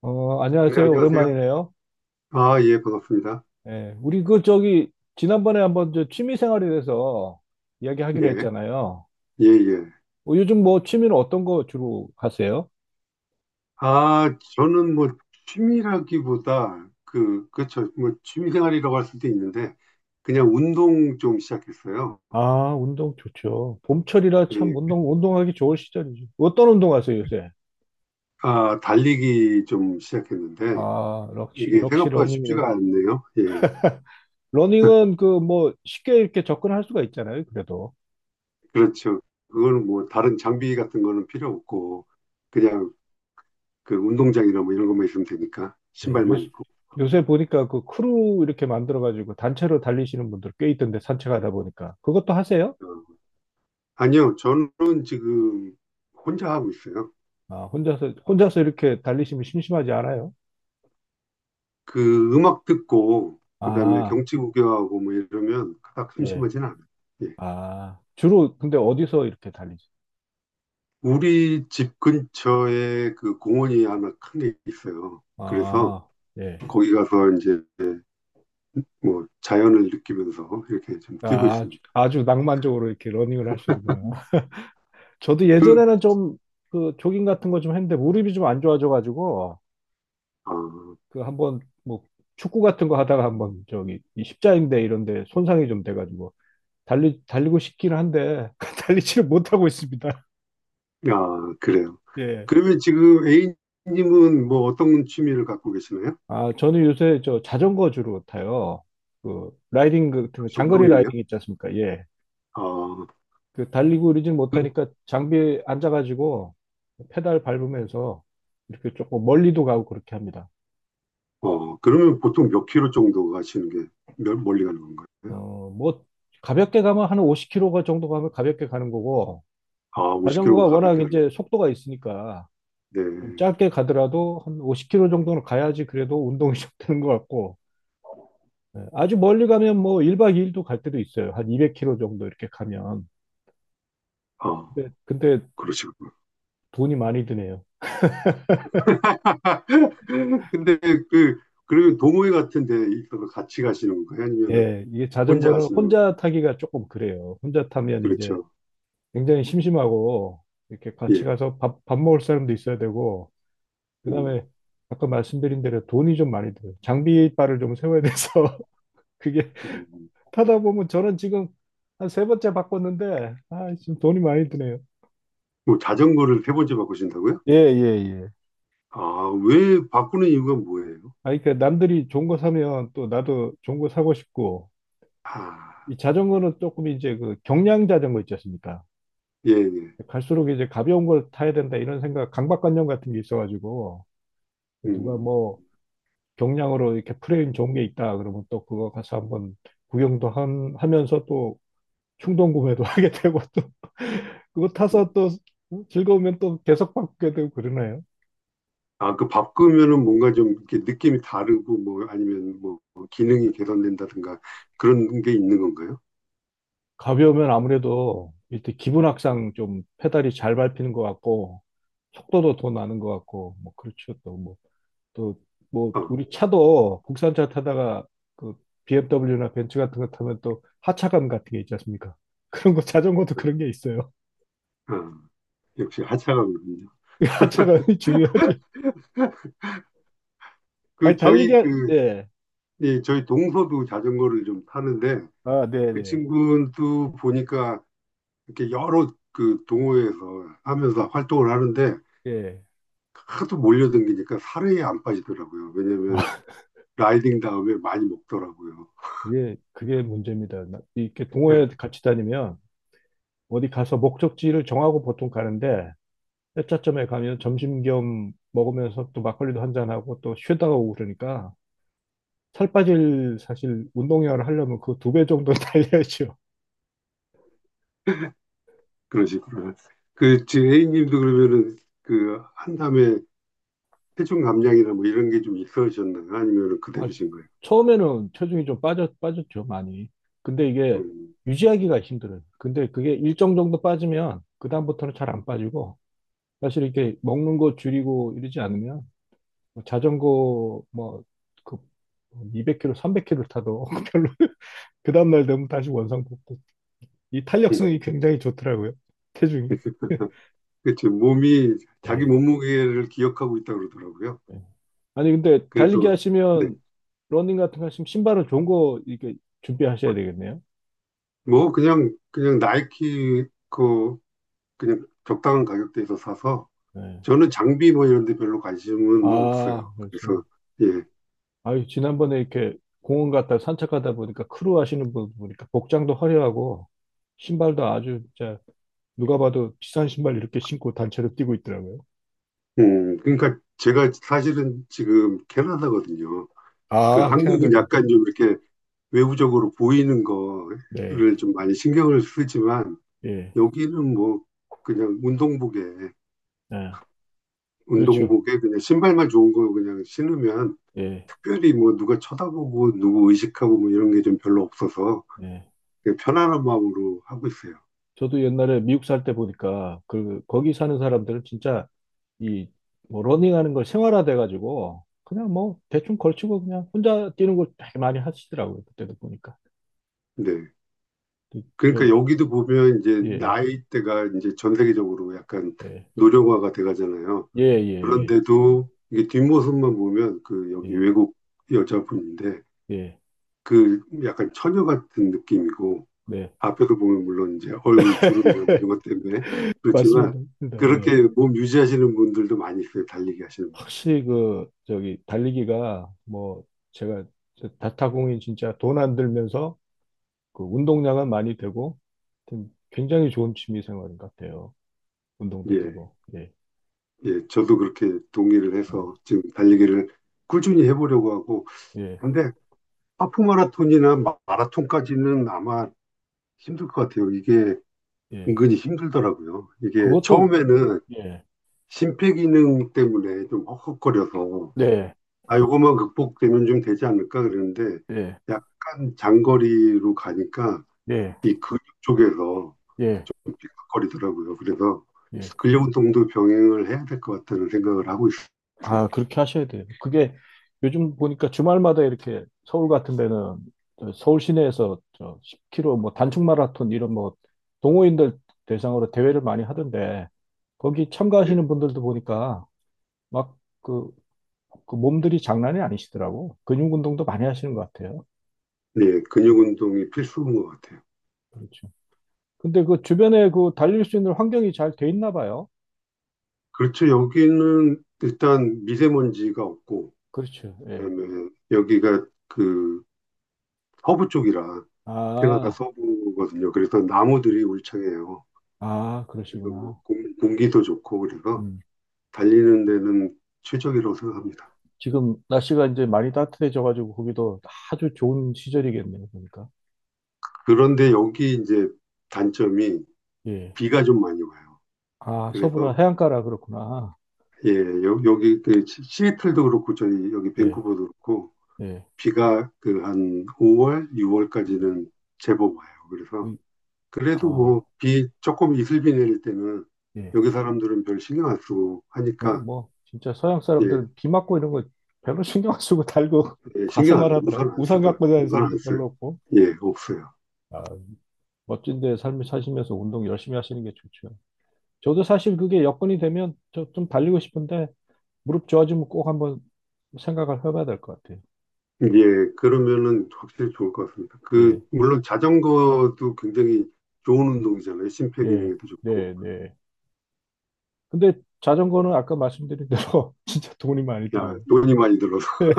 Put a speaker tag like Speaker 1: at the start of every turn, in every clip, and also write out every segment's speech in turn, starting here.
Speaker 1: 네,
Speaker 2: 안녕하세요.
Speaker 1: 안녕하세요.
Speaker 2: 오랜만이네요.
Speaker 1: 아, 예, 반갑습니다.
Speaker 2: 예, 우리 그 저기 지난번에 한번 저 취미 생활에 대해서 이야기하기로
Speaker 1: 예,
Speaker 2: 했잖아요.
Speaker 1: 예, 예.
Speaker 2: 요즘 뭐 취미는 어떤 거 주로 하세요?
Speaker 1: 아, 저는 뭐 취미라기보다 그렇죠. 뭐 취미 생활이라고 할 수도 있는데 그냥 운동 좀 시작했어요.
Speaker 2: 아, 운동 좋죠. 봄철이라 참
Speaker 1: 예,
Speaker 2: 운동하기 좋을 시절이죠. 어떤 운동 하세요, 요새?
Speaker 1: 아, 달리기 좀 시작했는데
Speaker 2: 아, 역시
Speaker 1: 이게
Speaker 2: 역시
Speaker 1: 생각보다
Speaker 2: 러닝이네.
Speaker 1: 쉽지가 않네요. 예,
Speaker 2: 러닝은 그 뭐 쉽게 이렇게 접근할 수가 있잖아요. 그래도.
Speaker 1: 그렇죠. 그거는 뭐 다른 장비 같은 거는 필요 없고 그냥 그 운동장이나 뭐 이런 것만 있으면 되니까
Speaker 2: 예, 요
Speaker 1: 신발만 입고.
Speaker 2: 요새 보니까 그 크루 이렇게 만들어 가지고 단체로 달리시는 분들 꽤 있던데 산책하다 보니까. 그것도 하세요?
Speaker 1: 어, 아니요, 저는 지금 혼자 하고 있어요.
Speaker 2: 아, 혼자서 이렇게 달리시면 심심하지 않아요?
Speaker 1: 그 음악 듣고 그다음에
Speaker 2: 아,
Speaker 1: 경치 구경하고 뭐 이러면 그닥
Speaker 2: 예.
Speaker 1: 심심하진 않아요. 예.
Speaker 2: 아, 주로 근데 어디서 이렇게 달리죠?
Speaker 1: 우리 집 근처에 그 공원이 하나 큰 게 있어요. 그래서
Speaker 2: 아, 예.
Speaker 1: 거기 가서 이제 뭐 자연을 느끼면서 이렇게 좀 뛰고
Speaker 2: 아,
Speaker 1: 있습니다.
Speaker 2: 아주 낭만적으로 이렇게 러닝을 하시는구나. 저도 예전에는 좀 그 조깅 같은 거 좀 했는데 무릎이 좀 안 좋아져가지고
Speaker 1: 아,
Speaker 2: 그 한번 뭐 축구 같은 거 하다가 한번 저기 이 십자인대 이런 데 손상이 좀 돼가지고 달리고 싶기는 한데 달리지를 못하고 있습니다.
Speaker 1: 아, 그래요.
Speaker 2: 예.
Speaker 1: 그러면 지금 A님은 뭐 어떤 취미를 갖고 계시나요?
Speaker 2: 아, 저는 요새 저 자전거 주로 타요. 그 라이딩 같은 거
Speaker 1: 역시
Speaker 2: 장거리
Speaker 1: 운동이네요.
Speaker 2: 라이딩 있지 않습니까? 예.
Speaker 1: 아,
Speaker 2: 그 달리고 이러진
Speaker 1: 그,
Speaker 2: 못하니까 장비에 앉아가지고 페달 밟으면서 이렇게 조금 멀리도 가고 그렇게 합니다.
Speaker 1: 어, 그러면 보통 몇 킬로 정도 가시는 게 멀리 가는 건가요?
Speaker 2: 어, 뭐 가볍게 가면 한 50km 정도 가면 가볍게 가는 거고
Speaker 1: 아,
Speaker 2: 자전거가
Speaker 1: 50킬로가
Speaker 2: 워낙
Speaker 1: 가볍게 하는.
Speaker 2: 이제 속도가 있으니까
Speaker 1: 건가요?
Speaker 2: 좀
Speaker 1: 네.
Speaker 2: 짧게 가더라도 한 50km 정도는 가야지 그래도 운동이 좀 되는 것 같고 예, 아주 멀리 가면 뭐 1박 2일도 갈 때도 있어요. 한 200km 정도 이렇게 가면.
Speaker 1: 아,
Speaker 2: 근데
Speaker 1: 그러시군요.
Speaker 2: 돈이 많이 드네요.
Speaker 1: 근데 그, 그러면 동호회 같은 데 이거 같이 가시는 거예요 아니면은
Speaker 2: 예, 이게
Speaker 1: 혼자
Speaker 2: 자전거는
Speaker 1: 가시는 건가요?
Speaker 2: 혼자 타기가 조금 그래요. 혼자 타면 이제
Speaker 1: 그렇죠.
Speaker 2: 굉장히 심심하고 이렇게
Speaker 1: 예.
Speaker 2: 같이 가서 밥 먹을 사람도 있어야 되고 그다음에
Speaker 1: 음,
Speaker 2: 아까 말씀드린 대로 돈이 좀 많이 들어요. 장비빨을 좀 세워야 돼서 그게
Speaker 1: 음.
Speaker 2: 타다 보면 저는 지금 한 세 번째 바꿨는데 아, 지금 돈이 많이 드네요.
Speaker 1: 뭐 자전거를 세 번째 바꾸신다고요?
Speaker 2: 예, 예, 예.
Speaker 1: 아, 왜 바꾸는 이유가 뭐예요?
Speaker 2: 아, 그러니까 남들이 좋은 거 사면 또 나도 좋은 거 사고 싶고
Speaker 1: 아,
Speaker 2: 이 자전거는 조금 이제 그 경량 자전거 있지 않습니까?
Speaker 1: 예, 예.
Speaker 2: 갈수록 이제 가벼운 걸 타야 된다 이런 생각, 강박관념 같은 게 있어가지고 누가
Speaker 1: 음,
Speaker 2: 뭐 경량으로 이렇게 프레임 좋은 게 있다 그러면 또 그거 가서 한번 구경도 하면서 또 충동 구매도 하게 되고 또 그거
Speaker 1: 음.
Speaker 2: 타서 또 즐거우면 또 계속 바꾸게 되고 그러네요.
Speaker 1: 아, 그 바꾸면은 뭔가 좀 이렇게 느낌이 다르고 뭐 아니면 뭐 기능이 개선된다든가 그런 게 있는 건가요?
Speaker 2: 가벼우면 아무래도 일단 기분
Speaker 1: 어,
Speaker 2: 악상 좀 페달이 잘 밟히는 것 같고 속도도 더 나는 것 같고 뭐 그렇죠 또뭐 또 뭐
Speaker 1: 어,
Speaker 2: 우리 차도 국산차 타다가 그 BMW나 벤츠 같은 거 타면 또 하차감 같은 게 있지 않습니까? 그런 거 자전거도 그런 게 있어요.
Speaker 1: 어. 어, 역시 하차가 군요.
Speaker 2: 하차감이 중요하죠. 아니
Speaker 1: 그,
Speaker 2: 달리기
Speaker 1: 저희 그,
Speaker 2: 예.
Speaker 1: 이 저희 동서도 자전거를 좀 타는데
Speaker 2: 아, 네,
Speaker 1: 그
Speaker 2: 네.
Speaker 1: 친구도 보니까 이렇게 여러 그 동호회에서 하면서 활동을 하는데
Speaker 2: 예.
Speaker 1: 하도 몰려댕기니까 살이 안 빠지더라고요. 왜냐면
Speaker 2: 아,
Speaker 1: 라이딩 다음에 많이 먹더라고요.
Speaker 2: 그게 문제입니다. 이렇게
Speaker 1: 예,
Speaker 2: 동호회 같이 다니면 어디 가서 목적지를 정하고 보통 가는데 회차점에 가면 점심 겸 먹으면서 또 막걸리도 한 잔하고 또 쉬다가 오고 그러니까 살 빠질 사실 운동량을 하려면 그 두 배 정도 달려야죠.
Speaker 1: 그런 식으로. 그 지금 A님도 그러면은 그 한담에 체중 감량이나 뭐 이런 게 좀 있으셨나요? 아니면
Speaker 2: 아,
Speaker 1: 그대로신 거예요?
Speaker 2: 처음에는 체중이 좀 빠졌죠, 많이. 근데 이게
Speaker 1: 음,
Speaker 2: 유지하기가 힘들어요. 근데 그게 일정 정도 빠지면 그다음부터는 잘 안 빠지고 사실 이렇게 먹는 거 줄이고 이러지 않으면 뭐 자전거 뭐 그 200km, 300km 타도 별로 그 다음날 되면 다시 원상 복구. 이
Speaker 1: 음.
Speaker 2: 탄력성이 굉장히 좋더라고요. 체중이.
Speaker 1: 그치 몸이 자기
Speaker 2: 예.
Speaker 1: 몸무게를 기억하고 있다고 그러더라고요.
Speaker 2: 예. 아니 근데 달리기
Speaker 1: 그래서 네.
Speaker 2: 하시면 러닝 같은 거 하시면 신발은 좋은 거 이렇게 준비하셔야 되겠네요.
Speaker 1: 뭐 그냥 그냥 나이키 그 그냥 적당한 가격대에서 사서
Speaker 2: 예.
Speaker 1: 저는 장비 뭐 이런 데 별로 관심은
Speaker 2: 아,
Speaker 1: 없어요.
Speaker 2: 그렇지.
Speaker 1: 그래서 예.
Speaker 2: 아유, 지난번에 이렇게 공원 갔다 산책하다 보니까 크루 하시는 분 보니까 복장도 화려하고 신발도 아주 진짜 누가 봐도 비싼 신발 이렇게 신고 단체로 뛰고 있더라고요.
Speaker 1: 그러니까 제가 사실은 지금 캐나다거든요. 그
Speaker 2: 아, 캐나다
Speaker 1: 한국은
Speaker 2: 사세요?
Speaker 1: 약간 좀 이렇게 외부적으로 보이는
Speaker 2: 네,
Speaker 1: 거를 좀 많이 신경을 쓰지만
Speaker 2: 예,
Speaker 1: 여기는 뭐 그냥 운동복에
Speaker 2: 예, 그렇죠.
Speaker 1: 운동복에 그냥 신발만 좋은 거 그냥 신으면
Speaker 2: 예,
Speaker 1: 특별히 뭐 누가 쳐다보고 누구 의식하고 뭐 이런 게 좀 별로 없어서
Speaker 2: 예.
Speaker 1: 되게 편안한 마음으로 하고 있어요.
Speaker 2: 저도 옛날에 미국 살 때 보니까 그 거기 사는 사람들은 진짜 이 뭐 러닝하는 걸 생활화돼 가지고 그냥 뭐 대충 걸치고 그냥 혼자 뛰는 걸 되게 많이 하시더라고요. 그때도 보니까.
Speaker 1: 네.
Speaker 2: 그, 저,
Speaker 1: 그러니까 여기도 보면 이제
Speaker 2: 예.
Speaker 1: 나이대가 이제 전 세계적으로 약간
Speaker 2: 예.
Speaker 1: 노령화가 돼가잖아요.
Speaker 2: 예, 예, 예,
Speaker 1: 그런데도 이게 뒷모습만 보면 그 여기
Speaker 2: 예,
Speaker 1: 외국 여자분인데
Speaker 2: 예,
Speaker 1: 그 약간 처녀 같은 느낌이고
Speaker 2: 네.
Speaker 1: 앞에서 보면 물론 이제 얼굴 주름이나 뭐 이런 것 때문에 그렇지만
Speaker 2: 맞습니다. 맞습니다. 예.
Speaker 1: 그렇게 몸 유지하시는 분들도 많이 있어요. 달리기 하시는 분들
Speaker 2: 확실히 그, 저기, 달리기가 뭐, 제가 저 다타공이 진짜 돈 안 들면서 그 운동량은 많이 되고, 하여튼 굉장히 좋은 취미 생활인 것 같아요. 운동도
Speaker 1: 중에.
Speaker 2: 되고, 예,
Speaker 1: 예, 예. 저도 그렇게 동의를
Speaker 2: 예,
Speaker 1: 해서 지금 달리기를 꾸준히 해보려고 하고
Speaker 2: 예,
Speaker 1: 근데 하프 마라톤이나 라톤까지는 아마 힘들 것 같아요. 이게
Speaker 2: 예.
Speaker 1: 은근히 힘들더라고요. 이게
Speaker 2: 그것도,
Speaker 1: 처음에는
Speaker 2: 예,
Speaker 1: 심폐 기능 때문에 좀 헉헉거려서
Speaker 2: 네,
Speaker 1: 아, 요것만 극복되면 좀 되지 않을까 그랬는데
Speaker 2: 예,
Speaker 1: 약간 장거리로 가니까
Speaker 2: 예,
Speaker 1: 이 근육 쪽에서
Speaker 2: 예,
Speaker 1: 좀 삐걱거리더라고요. 그래서
Speaker 2: 예.
Speaker 1: 근력 운동도 병행을 해야 될 것 같다는 생각을 하고 있어요.
Speaker 2: 아, 그렇게 하셔야 돼요. 그게 요즘 보니까 주말마다 이렇게 서울 같은 데는 저 서울 시내에서 저 10km 뭐 단축 마라톤 이런 뭐 동호인들 대상으로 대회를 많이 하던데 거기
Speaker 1: 네,
Speaker 2: 참가하시는 분들도 보니까 막 그, 그 몸들이 장난이 아니시더라고. 근육 운동도 많이 하시는 것 같아요.
Speaker 1: 네, 근육 운동이 필수인 것 같아요.
Speaker 2: 그렇죠. 근데 그 주변에 그 달릴 수 있는 환경이 잘 돼 있나 봐요.
Speaker 1: 그렇죠. 여기는 일단 미세먼지가 없고
Speaker 2: 그렇죠. 예.
Speaker 1: 그다음에 여기가 그 서부 쪽이라 캐나다
Speaker 2: 아,
Speaker 1: 서부거든요. 그래서 나무들이 울창해요.
Speaker 2: 아,
Speaker 1: 그래서 뭐
Speaker 2: 그러시구나.
Speaker 1: 공기도 좋고 그래서
Speaker 2: 음.
Speaker 1: 달리는 데는 최적이라고 생각합니다.
Speaker 2: 지금 날씨가 이제 많이 따뜻해져가지고 거기도 아주 좋은 시절이겠네요, 보니까.
Speaker 1: 그런데 여기 이제 단점이
Speaker 2: 예.
Speaker 1: 비가 좀 많이 와요.
Speaker 2: 아, 서부라
Speaker 1: 그래서
Speaker 2: 해안가라 그렇구나.
Speaker 1: 예, 여기 그 시애틀도 그렇고 저희 여기
Speaker 2: 예,
Speaker 1: 밴쿠버도 그렇고
Speaker 2: 예,
Speaker 1: 비가 그 한 5월,
Speaker 2: 예.
Speaker 1: 6월까지는 제법 와요. 그래서
Speaker 2: 의-
Speaker 1: 그래도
Speaker 2: 아,
Speaker 1: 뭐, 비 조금 이슬비 내릴 때는
Speaker 2: 예.
Speaker 1: 여기 사람들은 별 신경 안 쓰고
Speaker 2: 어,
Speaker 1: 하니까,
Speaker 2: 뭐, 진짜 서양
Speaker 1: 예,
Speaker 2: 사람들 비 맞고 이런 거 별로 신경 안 쓰고 달고
Speaker 1: 예,
Speaker 2: 다
Speaker 1: 신경 안 쓰고
Speaker 2: 생활하더라.
Speaker 1: 우산 안 쓰
Speaker 2: 우산
Speaker 1: 든
Speaker 2: 갖고 다니는
Speaker 1: 우산
Speaker 2: 사람도
Speaker 1: 안 써요.
Speaker 2: 별로 없고.
Speaker 1: 예, 없어요.
Speaker 2: 아, 멋진데 삶을 사시면서 운동 열심히 하시는 게 좋죠. 저도 사실 그게 여건이 되면 저 좀 달리고 싶은데 무릎 좋아지면 꼭 한번 생각을 해봐야 될 것 같아요.
Speaker 1: 예, 그러면은 확실히 좋을 것 같습니다. 그,
Speaker 2: 예.
Speaker 1: 물론 자전거도 굉장히 좋은 운동이잖아요. 심폐
Speaker 2: 예,
Speaker 1: 기능에도 좋고.
Speaker 2: 네, 네. 근데 자전거는 아까 말씀드린 대로 진짜 돈이 많이
Speaker 1: 야,
Speaker 2: 들어요.
Speaker 1: 돈이 많이 들어서.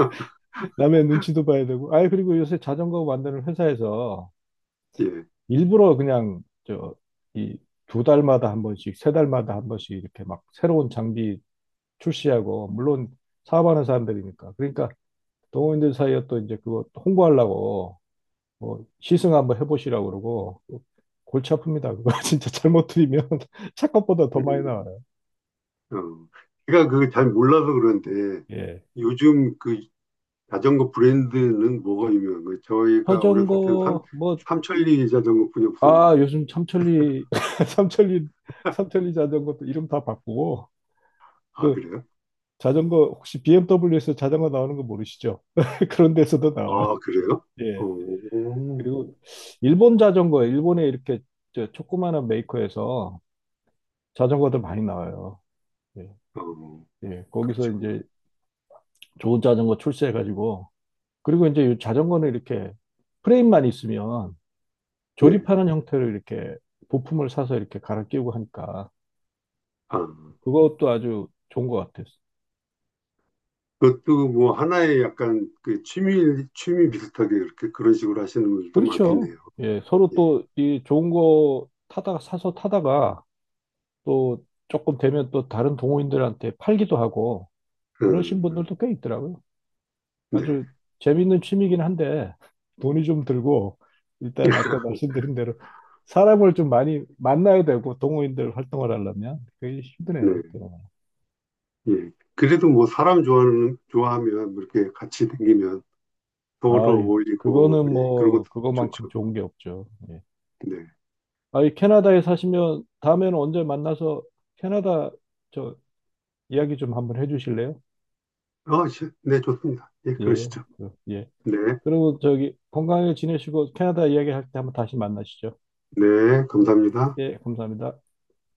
Speaker 2: 남의 눈치도 봐야 되고. 아, 그리고 요새 자전거 만드는 회사에서
Speaker 1: 예.
Speaker 2: 일부러 그냥 저 이 두 달마다 한 번씩, 세 달마다 한 번씩 이렇게 막 새로운 장비 출시하고 물론 사업하는 사람들이니까. 그러니까 동호인들 사이에 또 이제 그거 홍보하려고 뭐 시승 한번 해보시라고 그러고 골치 아픕니다. 그거 진짜 잘못 들이면 차 것보다 더
Speaker 1: 음,
Speaker 2: 많이 나와요.
Speaker 1: 어. 제가 그걸 잘 몰라서 그런데
Speaker 2: 예.
Speaker 1: 요즘 그 자전거 브랜드는 뭐가 유명한 거예요? 저희가 어렸을 때는 삼,
Speaker 2: 자전거 뭐
Speaker 1: 삼천리 자전거뿐이
Speaker 2: 아,
Speaker 1: 없었는데.
Speaker 2: 요즘 삼천리, 삼천리, 삼천리 자전거도 이름 다 바꾸고,
Speaker 1: 아,
Speaker 2: 그
Speaker 1: 그래요?
Speaker 2: 자전거, 혹시 BMW에서 자전거 나오는 거 모르시죠? 그런 데서도 나와요.
Speaker 1: 아, 그래요?
Speaker 2: 예.
Speaker 1: 어,
Speaker 2: 그리고 일본 자전거, 일본에 이렇게 저 조그마한 메이커에서 자전거들 많이 나와요. 예.
Speaker 1: 어,
Speaker 2: 예. 거기서
Speaker 1: 그러시구나.
Speaker 2: 이제 좋은 자전거 출시해가지고, 그리고 이제 이 자전거는 이렇게 프레임만 있으면
Speaker 1: 네.
Speaker 2: 조립하는 형태로 이렇게 부품을 사서 이렇게 갈아 끼우고 하니까,
Speaker 1: 아,
Speaker 2: 그것도 아주 좋은 것 같아요.
Speaker 1: 그것도 뭐 하나의 약간 그 취미, 취미 비슷하게 이렇게 그런 식으로 하시는 분들도
Speaker 2: 그렇죠.
Speaker 1: 많겠네요.
Speaker 2: 예, 서로
Speaker 1: 예.
Speaker 2: 또 이 좋은 거 타다가 사서 타다가 또 조금 되면 또 다른 동호인들한테 팔기도 하고
Speaker 1: 음,
Speaker 2: 그러신
Speaker 1: 음.
Speaker 2: 분들도 꽤 있더라고요.
Speaker 1: 네.
Speaker 2: 아주 재밌는 취미긴 한데 돈이 좀 들고 일단 아까 말씀드린 대로 사람을 좀 많이 만나야 되고 동호인들 활동을 하려면 그게
Speaker 1: 네.
Speaker 2: 힘드네요.
Speaker 1: 예. 그래도 뭐 사람 좋아하는, 좋아하면 뭐 이렇게 같이 다니면
Speaker 2: 아,
Speaker 1: 서로 어울리고,
Speaker 2: 그거는
Speaker 1: 예. 그런 것도
Speaker 2: 뭐 그거만큼
Speaker 1: 좋죠.
Speaker 2: 좋은 게 없죠. 예.
Speaker 1: 네.
Speaker 2: 아, 캐나다에 사시면 다음에는 언제 만나서 캐나다 저 이야기 좀 한번 해주실래요?
Speaker 1: 아, 네, 좋습니다. 예,
Speaker 2: 예,
Speaker 1: 그러시죠.
Speaker 2: 그, 예.
Speaker 1: 네,
Speaker 2: 그리고 저기 건강하게 지내시고 캐나다 이야기할 때 한번 다시 만나시죠.
Speaker 1: 네,
Speaker 2: 예,
Speaker 1: 감사합니다.
Speaker 2: 예, 감사합니다.